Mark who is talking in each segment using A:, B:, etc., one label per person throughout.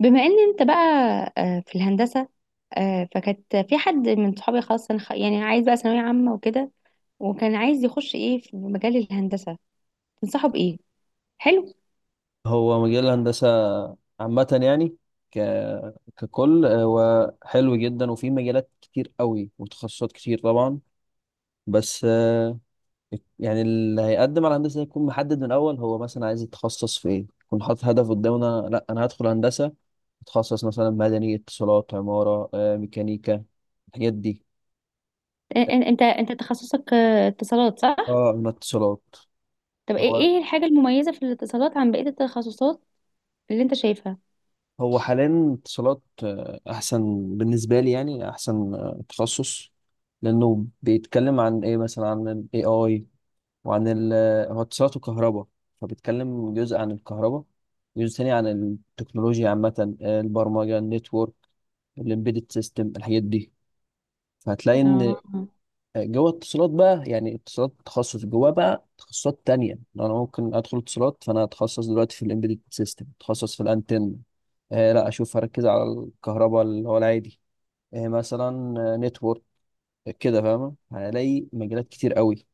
A: بما ان انت بقى في الهندسة. فكانت في حد من صحابي خلاص أنا يعني عايز بقى ثانوية عامة وكده، وكان عايز يخش ايه في مجال الهندسة. تنصحه بإيه؟ حلو.
B: هو مجال الهندسة عامة يعني ك... ككل، هو حلو جدا وفي مجالات كتير قوي وتخصصات كتير طبعا. بس يعني اللي هيقدم على هندسة يكون محدد من الأول، هو مثلا عايز يتخصص في إيه، يكون حاطط هدف قدامنا. لا، أنا هدخل هندسة أتخصص مثلا مدني، اتصالات، عمارة، ميكانيكا، الحاجات دي.
A: انت تخصصك اتصالات صح؟
B: اه، من اتصالات.
A: طب ايه الحاجة المميزة في الاتصالات عن بقية التخصصات اللي انت شايفها؟
B: هو حاليا اتصالات احسن بالنسبه لي، يعني احسن تخصص، لانه بيتكلم عن ايه، مثلا عن الاي اي، وعن ال هو اتصالات وكهرباء، فبيتكلم جزء عن الكهرباء، وجزء تاني عن التكنولوجيا عامه، البرمجه، النتورك، الامبيدد سيستم، الحاجات دي. فهتلاقي ان
A: اه.
B: جوه اتصالات بقى، يعني اتصالات تخصص جواه بقى تخصصات تانية. لو انا ممكن ادخل اتصالات، فانا اتخصص دلوقتي في الامبيدد سيستم، اتخصص في الانتن. آه لا، اشوف هركز على الكهرباء اللي هو العادي، آه مثلا نتورك، كده. فاهمة، هلاقي مجالات كتير قوي.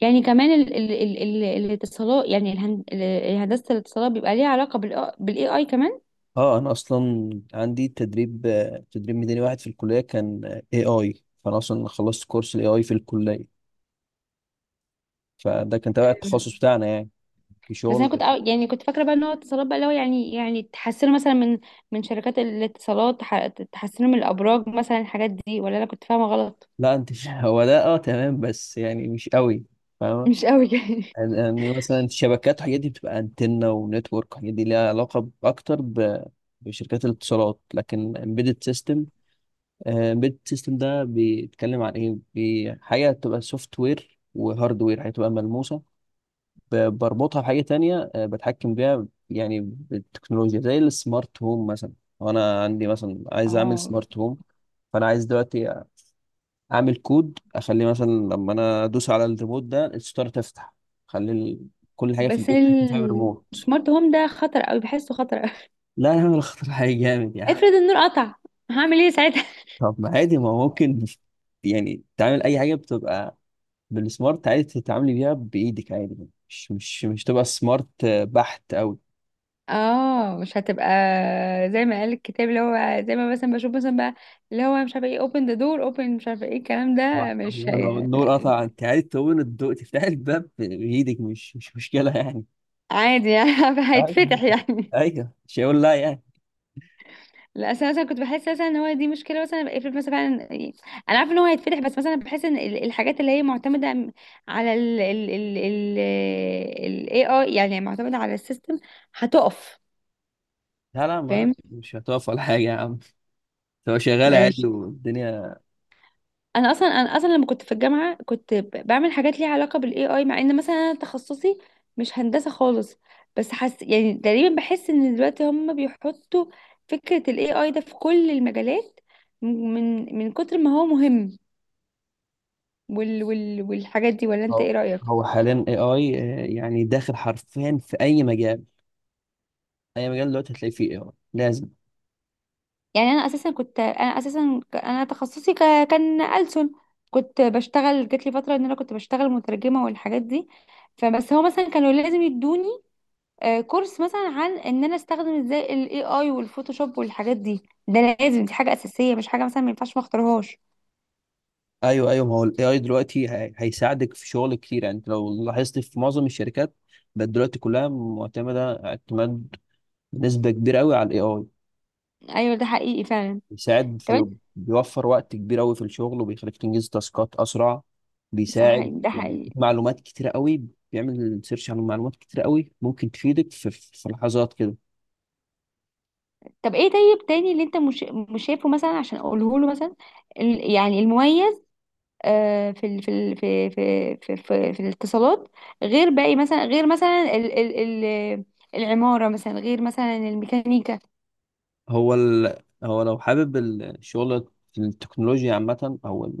A: يعني كمان ال الاتصالات، يعني هندسة الاتصالات بيبقى ليها علاقة بالاي اي كمان؟
B: اه، انا اصلا عندي تدريب تدريب ميداني واحد في الكلية كان اي اي. فانا اصلا خلصت كورس الاي اي في الكلية، فده كان تبع التخصص بتاعنا يعني. في
A: بس انا كنت
B: شغل.
A: يعني كنت فاكره بقى ان هو اتصالات بقى اللي هو يعني تحسنوا مثلا من من شركات الاتصالات تحسنوا من الابراج مثلا الحاجات دي، ولا انا كنت فاهمه غلط؟
B: لا، انت هو ده اه، تمام بس يعني مش قوي فاهم.
A: مش قوي يعني.
B: يعني مثلا الشبكات والحاجات دي بتبقى انتنة ونتورك، والحاجات دي ليها علاقة أكتر بشركات الاتصالات. لكن embedded system، embedded system ده بيتكلم عن إيه؟ حاجة بتبقى سوفت وير وهاردوير، هتبقى ملموسة، بربطها بحاجة تانية، بتحكم بيها يعني بالتكنولوجيا زي السمارت هوم مثلا. وأنا عندي مثلا عايز أعمل
A: اه.
B: سمارت هوم. فأنا عايز دلوقتي اعمل كود، اخليه مثلا لما انا ادوس على الريموت ده الستار تفتح. اخلي ال- كل حاجه في
A: بس
B: البيت تحكم فيها بالريموت.
A: السمارت هوم ده خطر قوي، بحسه خطر قوي.
B: لا يا عم الخطر حاجه جامد يعني.
A: افرض النور قطع، هعمل ايه ساعتها؟
B: طب ما عادي، ما هو ممكن يعني تعمل اي حاجه بتبقى بالسمارت عادي، تتعاملي بيها بايدك عادي، مش تبقى سمارت بحت قوي.
A: اه مش هتبقى زي ما قال الكتاب، اللي هو زي ما مثلا بشوف مثلا بقى، اللي هو مش عارفه ايه open the door open، مش عارفه ايه الكلام ده،
B: آه،
A: مش
B: لو
A: هي...
B: النور قطع انت عادي تقوم الضوء تفتح الباب بايدك، مش مشكله يعني.
A: عادي يعني.
B: ايوه،
A: هيتفتح يعني.
B: ايوه، مش هيقول لا يعني.
A: لا أصل أنا مثلا كنت بحس مثلا ان هو دي مشكله، مثلا افرض مثلا فعلا يعني انا عارفه ان هو هيتفتح، بس مثلا بحس ان الحاجات اللي هي معتمده على ال AI، يعني معتمده على السيستم هتقف.
B: لا، لا، ما
A: فاهم.
B: مش هتقف ولا حاجه يا عم، هو شغال
A: ماشي.
B: عادي والدنيا.
A: انا اصلا لما كنت في الجامعه كنت بعمل حاجات ليها علاقه بالاي اي، مع ان مثلا انا تخصصي مش هندسه خالص. بس حس يعني تقريبا، بحس ان دلوقتي هم بيحطوا فكره الاي اي ده في كل المجالات من من كتر ما هو مهم، وال والحاجات دي، ولا انت
B: هو
A: ايه رأيك؟
B: هو حاليا اي اي، يعني داخل حرفيا في اي مجال. اي مجال دلوقتي هتلاقي فيه اي اي لازم.
A: يعني انا اساسا انا تخصصي كان ألسن. كنت بشتغل، جات لي فترة ان انا كنت بشتغل مترجمة والحاجات دي. فبس هو مثلا كانوا لازم يدوني كورس مثلا عن ان انا استخدم ازاي الاي اي والفوتوشوب والحاجات دي. ده لازم، دي حاجة اساسية مش حاجة مثلا ما ينفعش ما اختارهاش.
B: ايوه، ايوه، ما هو الاي اي دلوقتي هيساعدك في شغل كتير. يعني انت لو لاحظت، في معظم الشركات بقت دلوقتي كلها معتمده اعتماد بنسبه كبيره قوي على الاي اي.
A: ايوه، ده حقيقي فعلا.
B: بيساعد
A: طب انت.
B: في، بيوفر وقت كبير قوي في الشغل، وبيخليك تنجز تاسكات اسرع،
A: صح
B: بيساعد
A: ده حقيقي.
B: بيديك معلومات كتيره قوي، بيعمل سيرش على معلومات كتيره قوي ممكن تفيدك في في لحظات كده.
A: طب ايه طيب تاني اللي انت مش شايفه مثلا عشان اقوله له مثلا، يعني المميز في ال في ال في في في في, في الاتصالات، غير باقي مثلا، غير مثلا ال العمارة مثلا، غير مثلا الميكانيكا.
B: هو ال... هو لو حابب الشغل في التكنولوجيا عامة، أو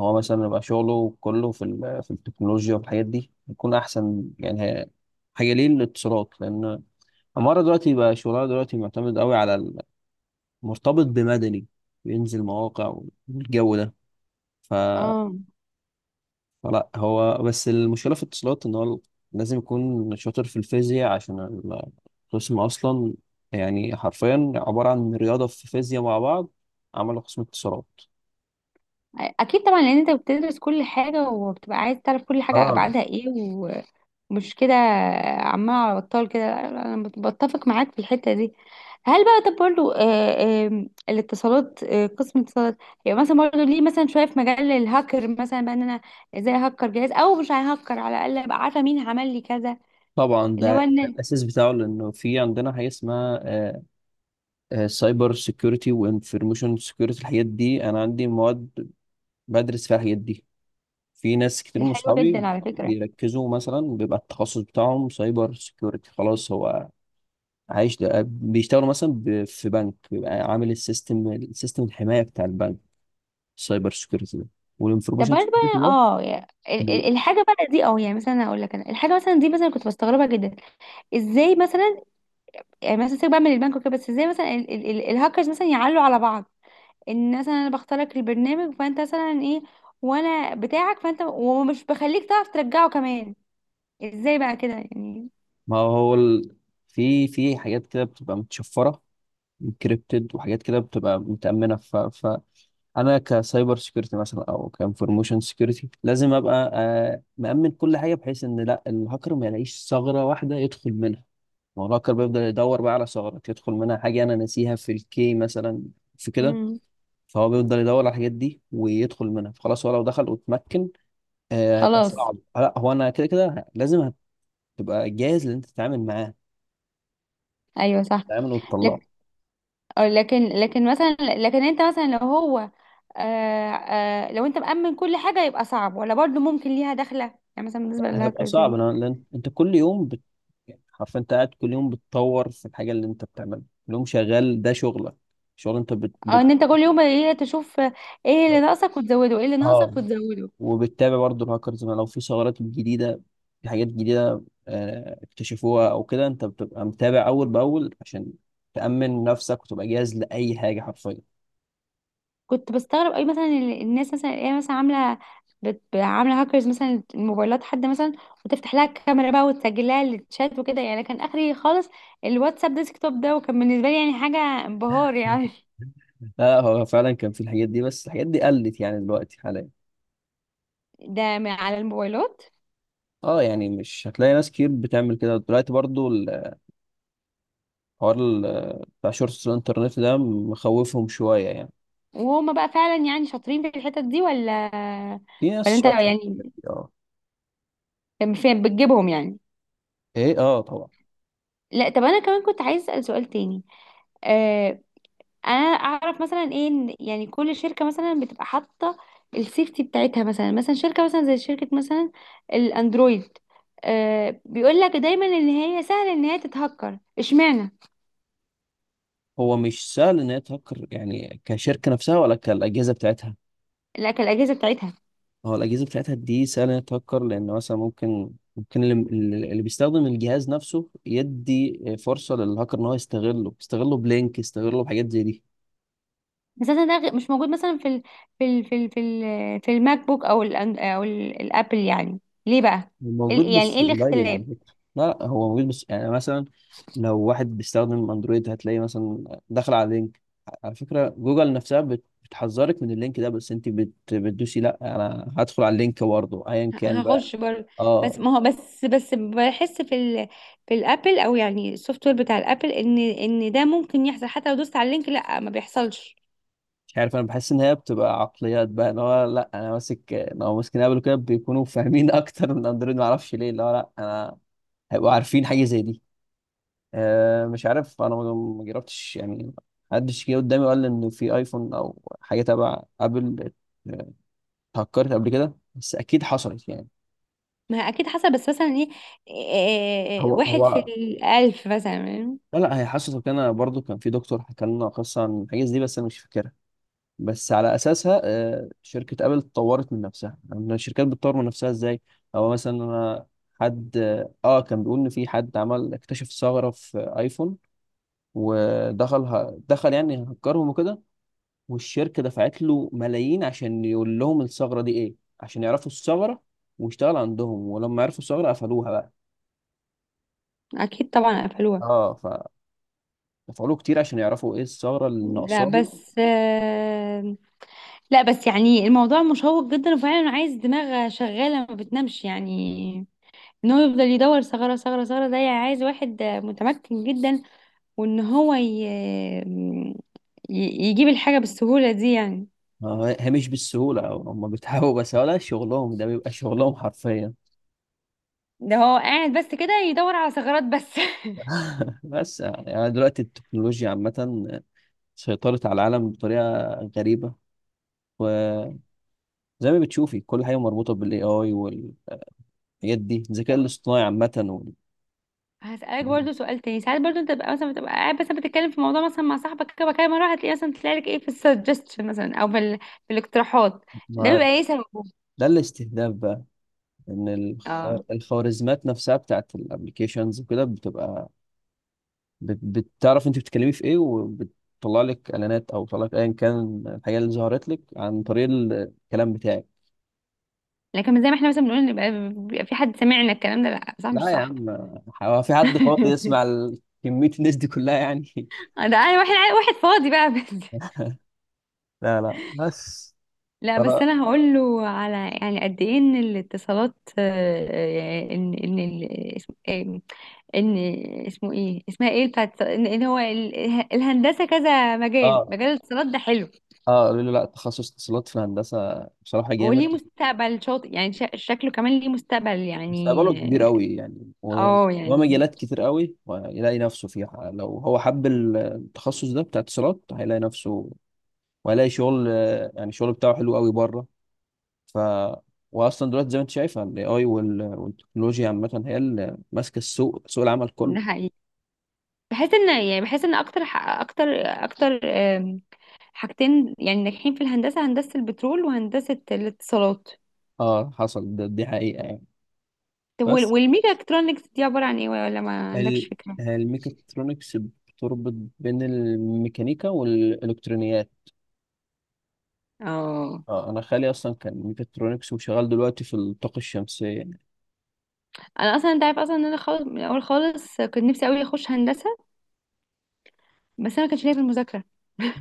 B: هو مثلا يبقى شغله كله في في التكنولوجيا والحاجات دي، يكون أحسن. يعني حاجة ليه الاتصالات، لأن عمارة دلوقتي بقى شغلها دلوقتي معتمد قوي على مرتبط بمدني، بينزل مواقع والجو ده. ف
A: اه
B: لا، هو بس المشكلة في الاتصالات إن هو لازم يكون شاطر في الفيزياء، عشان القسم أصلا يعني حرفيا عبارة عن رياضة في فيزياء مع بعض، عملوا قسم اتصالات.
A: اكيد طبعا، لان انت بتدرس كل حاجة وبتبقى عايز تعرف كل حاجة
B: اه
A: ابعادها ايه. مش كده؟ عمال على بطال كده. لا، لا، انا بتفق معاك في الحته دي. هل بقى طب برضه الاتصالات، قسم الاتصالات، يعني مثلا برضه ليه مثلا شويه في مجال الهاكر مثلا، بقى ان انا ازاي هكر جهاز او مش ههكر، على الاقل ابقى عارفه مين عمل لي كذا،
B: طبعا،
A: اللي
B: ده
A: هو
B: ده
A: ان.
B: الأساس بتاعه، لأنه في عندنا حاجة اسمها سايبر سيكيورتي وانفورميشن سيكيورتي. الحاجات دي أنا عندي مواد بدرس فيها الحاجات دي. في ناس كتير
A: دي
B: من
A: حلوه
B: صحابي
A: جدا على فكره.
B: بيركزوا مثلا، بيبقى التخصص بتاعهم سايبر سيكيورتي. خلاص، هو عايش ده، بيشتغلوا مثلا في بنك، بيبقى عامل السيستم الحماية بتاع البنك، السايبر سيكيورتي ده
A: طب
B: والانفورميشن
A: برضه
B: سيكيورتي
A: بقى
B: ده.
A: اه، يعني
B: بي-
A: الحاجه بقى دي، اه يعني مثلا اقول لك انا الحاجه مثلا دي مثلا كنت بستغربها جدا. ازاي مثلا، يعني مثلا سيبك بقى من البنك وكده، بس ازاي مثلا الهاكرز مثلا يعلوا على بعض؟ ان مثلا انا بختار لك البرنامج فانت مثلا ايه، وانا بتاعك فانت ومش بخليك تعرف ترجعه كمان. ازاي بقى كده يعني؟
B: ما هو في في حاجات كده بتبقى متشفرة انكريبتد، وحاجات كده بتبقى متأمنة. فأنا كسايبر سيكيورتي مثلا، أو كانفورميشن سيكيورتي، لازم أبقى مأمن كل حاجة، بحيث إن لا الهاكر ما يلاقيش ثغرة واحدة يدخل منها. ما هو الهاكر بيفضل يدور بقى على ثغرات يدخل منها، حاجة أنا ناسيها في الكي مثلا، في كده.
A: امم
B: فهو بيفضل يدور على الحاجات دي ويدخل منها. فخلاص، هو لو دخل واتمكن هيبقى
A: خلاص.
B: صعب. لا، هو انا كده كده لازم هتبقى جاهز ان انت تتعامل معاه،
A: ايوه صح.
B: تتعامل وتطلعه.
A: لك- لكن مثلا لكن انت مثلا لو هو آه آه لو انت مأمن كل حاجة يبقى صعب، ولا برضو ممكن ليها دخلة يعني، مثلا
B: لا،
A: بالنسبة
B: هيبقى
A: للهاكرز يعني؟
B: صعب أنا، لأن انت كل يوم يعني حرفيا انت قاعد كل يوم بتطور في الحاجه اللي انت بتعملها، كل يوم شغال ده شغلك، شغل انت
A: اه، ان انت كل يوم ايه، تشوف ايه اللي ناقصك وتزوده، ايه اللي
B: اه.
A: ناقصك وتزوده.
B: وبتتابع برضه الهاكرز، ما لو في ثغرات جديده، في حاجات جديده اكتشفوها او كده، انت بتبقى متابع اول باول، عشان تأمن نفسك وتبقى جاهز لأي حاجة حرفيا.
A: كنت بستغرب قوي مثلا الناس مثلا ايه مثلا عامله، عامله هاكرز مثلا الموبايلات، حد مثلا وتفتح لها الكاميرا بقى، وتسجل لها الشات وكده، يعني كان اخري خالص الواتساب ديسكتوب ده، وكان بالنسبه لي يعني حاجه انبهار يعني.
B: لا، هو فعلا كان في الحاجات دي، بس الحاجات دي قلت يعني دلوقتي حاليا.
A: ده من على الموبايلات.
B: اه، يعني مش هتلاقي ناس كتير بتعمل كده دلوقتي. برضو الحوار بتاع شورتس الانترنت ده مخوفهم شوية يعني.
A: وهما بقى فعلا يعني شاطرين في الحتت دي ولا،
B: في ناس
A: ولا انت
B: شاطرة في الحاجات
A: يعني
B: دي، اه.
A: كان فين بتجيبهم يعني؟
B: ايه، اه طبعا.
A: لا طب انا كمان كنت عايز اسال سؤال تاني. آه، انا اعرف مثلا ايه، إن يعني كل شركه مثلا بتبقى حاطه السيفتي بتاعتها، مثلا مثلا شركه مثلا زي شركه مثلا الاندرويد، آه بيقول لك دايما ان هي سهل ان هي تتهكر. اشمعنى
B: هو مش سهل ان هي تهكر، يعني كشركة نفسها ولا كالأجهزة بتاعتها.
A: لكن الاجهزه بتاعتها؟
B: هو الأجهزة بتاعتها دي سهل ان هي تهكر، لأن مثلا ممكن اللي بيستخدم الجهاز نفسه يدي فرصة للهاكر ان هو يستغله، يستغله بلينك، يستغله بحاجات زي دي.
A: اساسا ده مش موجود مثلا ال في الماك بوك او ال الابل يعني. ليه بقى؟
B: هو موجود
A: يعني ايه
B: بس قليل
A: الاختلاف؟
B: على فكرة. لا، لا، هو موجود بس يعني مثلا لو واحد بيستخدم اندرويد هتلاقي مثلا داخل على لينك، على فكرة جوجل نفسها بتحذرك من اللينك ده، بس انت بتدوسي لا انا هدخل على اللينك برضه ايا كان بقى.
A: هخش برضه.
B: اه،
A: بس ما هو بس بحس في ال، في الابل او يعني السوفت وير بتاع الابل، ان ده ممكن يحصل حتى لو دوست على اللينك، لا ما بيحصلش.
B: مش عارف، انا بحس ان هي بتبقى عقليات بقى، ان هو لا انا ماسك، لو ماسكين ابل كده بيكونوا فاهمين اكتر من اندرويد. ما اعرفش ليه، اللي هو لا انا هيبقوا عارفين حاجة زي دي. مش عارف انا، ما جربتش يعني. محدش جه قدامي وقال لي ان في ايفون او حاجه تبع ابل آه، اتهكرت قبل كده، بس اكيد حصلت يعني.
A: ما اكيد حصل، بس مثلا ايه،
B: هو
A: واحد في
B: هو
A: الالف مثلا.
B: لا، لا، هي حصلت. وكان أنا برضو كان في دكتور حكى لنا قصه عن الحاجات دي، بس انا مش فاكرها. بس على اساسها شركه ابل اتطورت من نفسها، يعني الشركات بتطور من نفسها ازاي. او مثلا انا، حد، اه كان بيقول ان في حد عمل اكتشف ثغره في ايفون، ودخل دخل يعني هكرهم وكده، والشركة دفعت له ملايين عشان يقول لهم الثغرة دي ايه، عشان يعرفوا الثغرة، واشتغل عندهم. ولما عرفوا الثغرة قفلوها بقى.
A: اكيد طبعا قفلوها.
B: اه، فدفعوا له كتير عشان يعرفوا ايه الثغرة اللي
A: لا
B: ناقصاهم.
A: بس لا بس يعني الموضوع مشوق جدا، وفعلا عايز دماغ شغالة ما بتنامش يعني. ان هو يفضل يدور ثغرة، ثغرة، ثغرة، ده يعني عايز واحد متمكن جدا، وان هو يجيب الحاجة بالسهولة دي يعني.
B: آه، هي مش بالسهولة، هم بيتعبوا بس، ولا شغلهم، ده بيبقى شغلهم حرفيا.
A: ده هو قاعد بس كده يدور على ثغرات بس.
B: بس يعني، دلوقتي التكنولوجيا عامة سيطرت على العالم بطريقة غريبة. وزي ما بتشوفي كل حاجة مربوطة بالاي اي والحاجات دي، الذكاء
A: طب
B: الاصطناعي عامة
A: هسألك برضو سؤال تاني. ساعات برضو انت بتبقى مثلا، بتبقى قاعد مثلا بتتكلم في موضوع مثلا مع صاحبك كده كده مرة، هتلاقي مثلا تلاقي لك ايه في السجستشن مثلا، او في, في الاقتراحات. ده بيبقى
B: ما
A: ايه سببه؟
B: ده الاستهداف بقى، ان
A: اه،
B: الخوارزمات نفسها بتاعت الابلكيشنز وكده بتبقى بت- بتعرف انت بتتكلمي في ايه، وبتطلع لك اعلانات، او بتطلع لك ايا كان الحاجه اللي ظهرت لك عن طريق الكلام بتاعك.
A: لكن زي ما احنا مثلا بنقول نبقى بيبقى في حد سامعنا الكلام ده، لا صح
B: لا
A: مش
B: يا
A: صح؟
B: عم، هو في حد فاضي يسمع كميه الناس دي كلها يعني؟
A: ده انا واحد واحد فاضي بقى بس.
B: لا، لا، بس.
A: لا
B: فانا
A: بس انا هقول له على، يعني قد ايه ان الاتصالات ان ان اسمه ايه، اسمها ايه بتاعت ان، إن هو الهندسه كذا مجال،
B: اه.
A: مجال الاتصالات ده حلو.
B: اه، قالوا لي لا، تخصص اتصالات في الهندسه بصراحه جامد.
A: وليه مستقبل شاطئ يعني، شكله كمان ليه مستقبل
B: مستقبله كبير
A: يعني.
B: قوي يعني،
A: اه يعني
B: ومجالات كتير قوي ويلاقي نفسه فيها. لو هو حب التخصص ده بتاع اتصالات هيلاقي نفسه، وهيلاقي شغل يعني الشغل بتاعه حلو قوي بره. ف واصلا دلوقتي زي ما انت شايفه الاي اي والتكنولوجيا عامه هي اللي ماسكه السوق، سوق العمل كله.
A: ده حقيقي. بحس ان يعني بحس ان اكتر اكتر حاجتين يعني ناجحين في الهندسه، هندسه البترول وهندسه الاتصالات.
B: اه حصل، ده دي حقيقه يعني.
A: طب
B: بس
A: والميجا الكترونكس دي عبارة عن ايه، ولا ما عندكش
B: ال-
A: فكرة؟
B: الميكاترونكس بتربط بين الميكانيكا والالكترونيات.
A: اه.
B: اه، انا خالي اصلا كان ميكاترونكس، وشغال دلوقتي في الطاقه الشمسيه.
A: انا اصلا انت عارف اصلا ان انا خالص من الاول خالص كنت نفسي قوي اخش هندسة، بس انا ما كانش ليا في المذاكرة.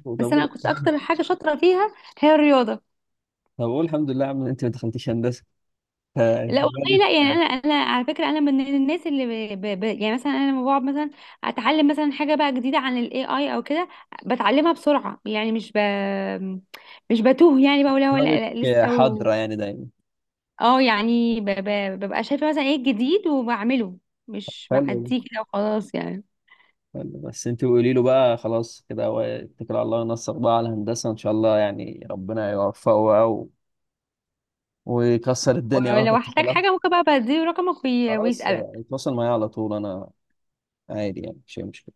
B: طب
A: بس انا
B: اقول
A: كنت اكتر حاجة شاطرة فيها هي الرياضة.
B: طب اقول الحمد لله يا عم إن انت ما دخلتيش هندسه،
A: لا
B: فدماغك
A: والله لا يعني، انا انا على فكرة انا من الناس اللي يعني مثلا انا لما بقعد مثلا اتعلم مثلا حاجة بقى جديدة عن الاي اي او كده، بتعلمها بسرعة يعني. مش بتوه يعني، بقول لا، ولا لا
B: دماغك
A: لسه.
B: حاضره يعني دايما.
A: اه يعني ببقى شايفة مثلا ايه الجديد وبعمله، مش
B: حلو،
A: بعديه كده وخلاص يعني.
B: حلو، بس انت قولي له بقى خلاص كده، هو اتكل على الله، ينصر بقى على الهندسه ان شاء الله، يعني ربنا يوفقه بقى ويكسر الدنيا بقى في
A: ولو احتاج
B: اتصالات.
A: حاجة ممكن بقى بديله رقمك،
B: خلاص،
A: ويسألك.
B: اتواصل معايا على طول، انا عادي يعني مش مشكله.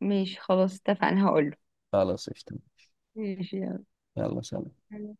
A: ماشي خلاص اتفقنا، هقوله.
B: خلاص قشطه.
A: ماشي.
B: يلا سلام.
A: يلا.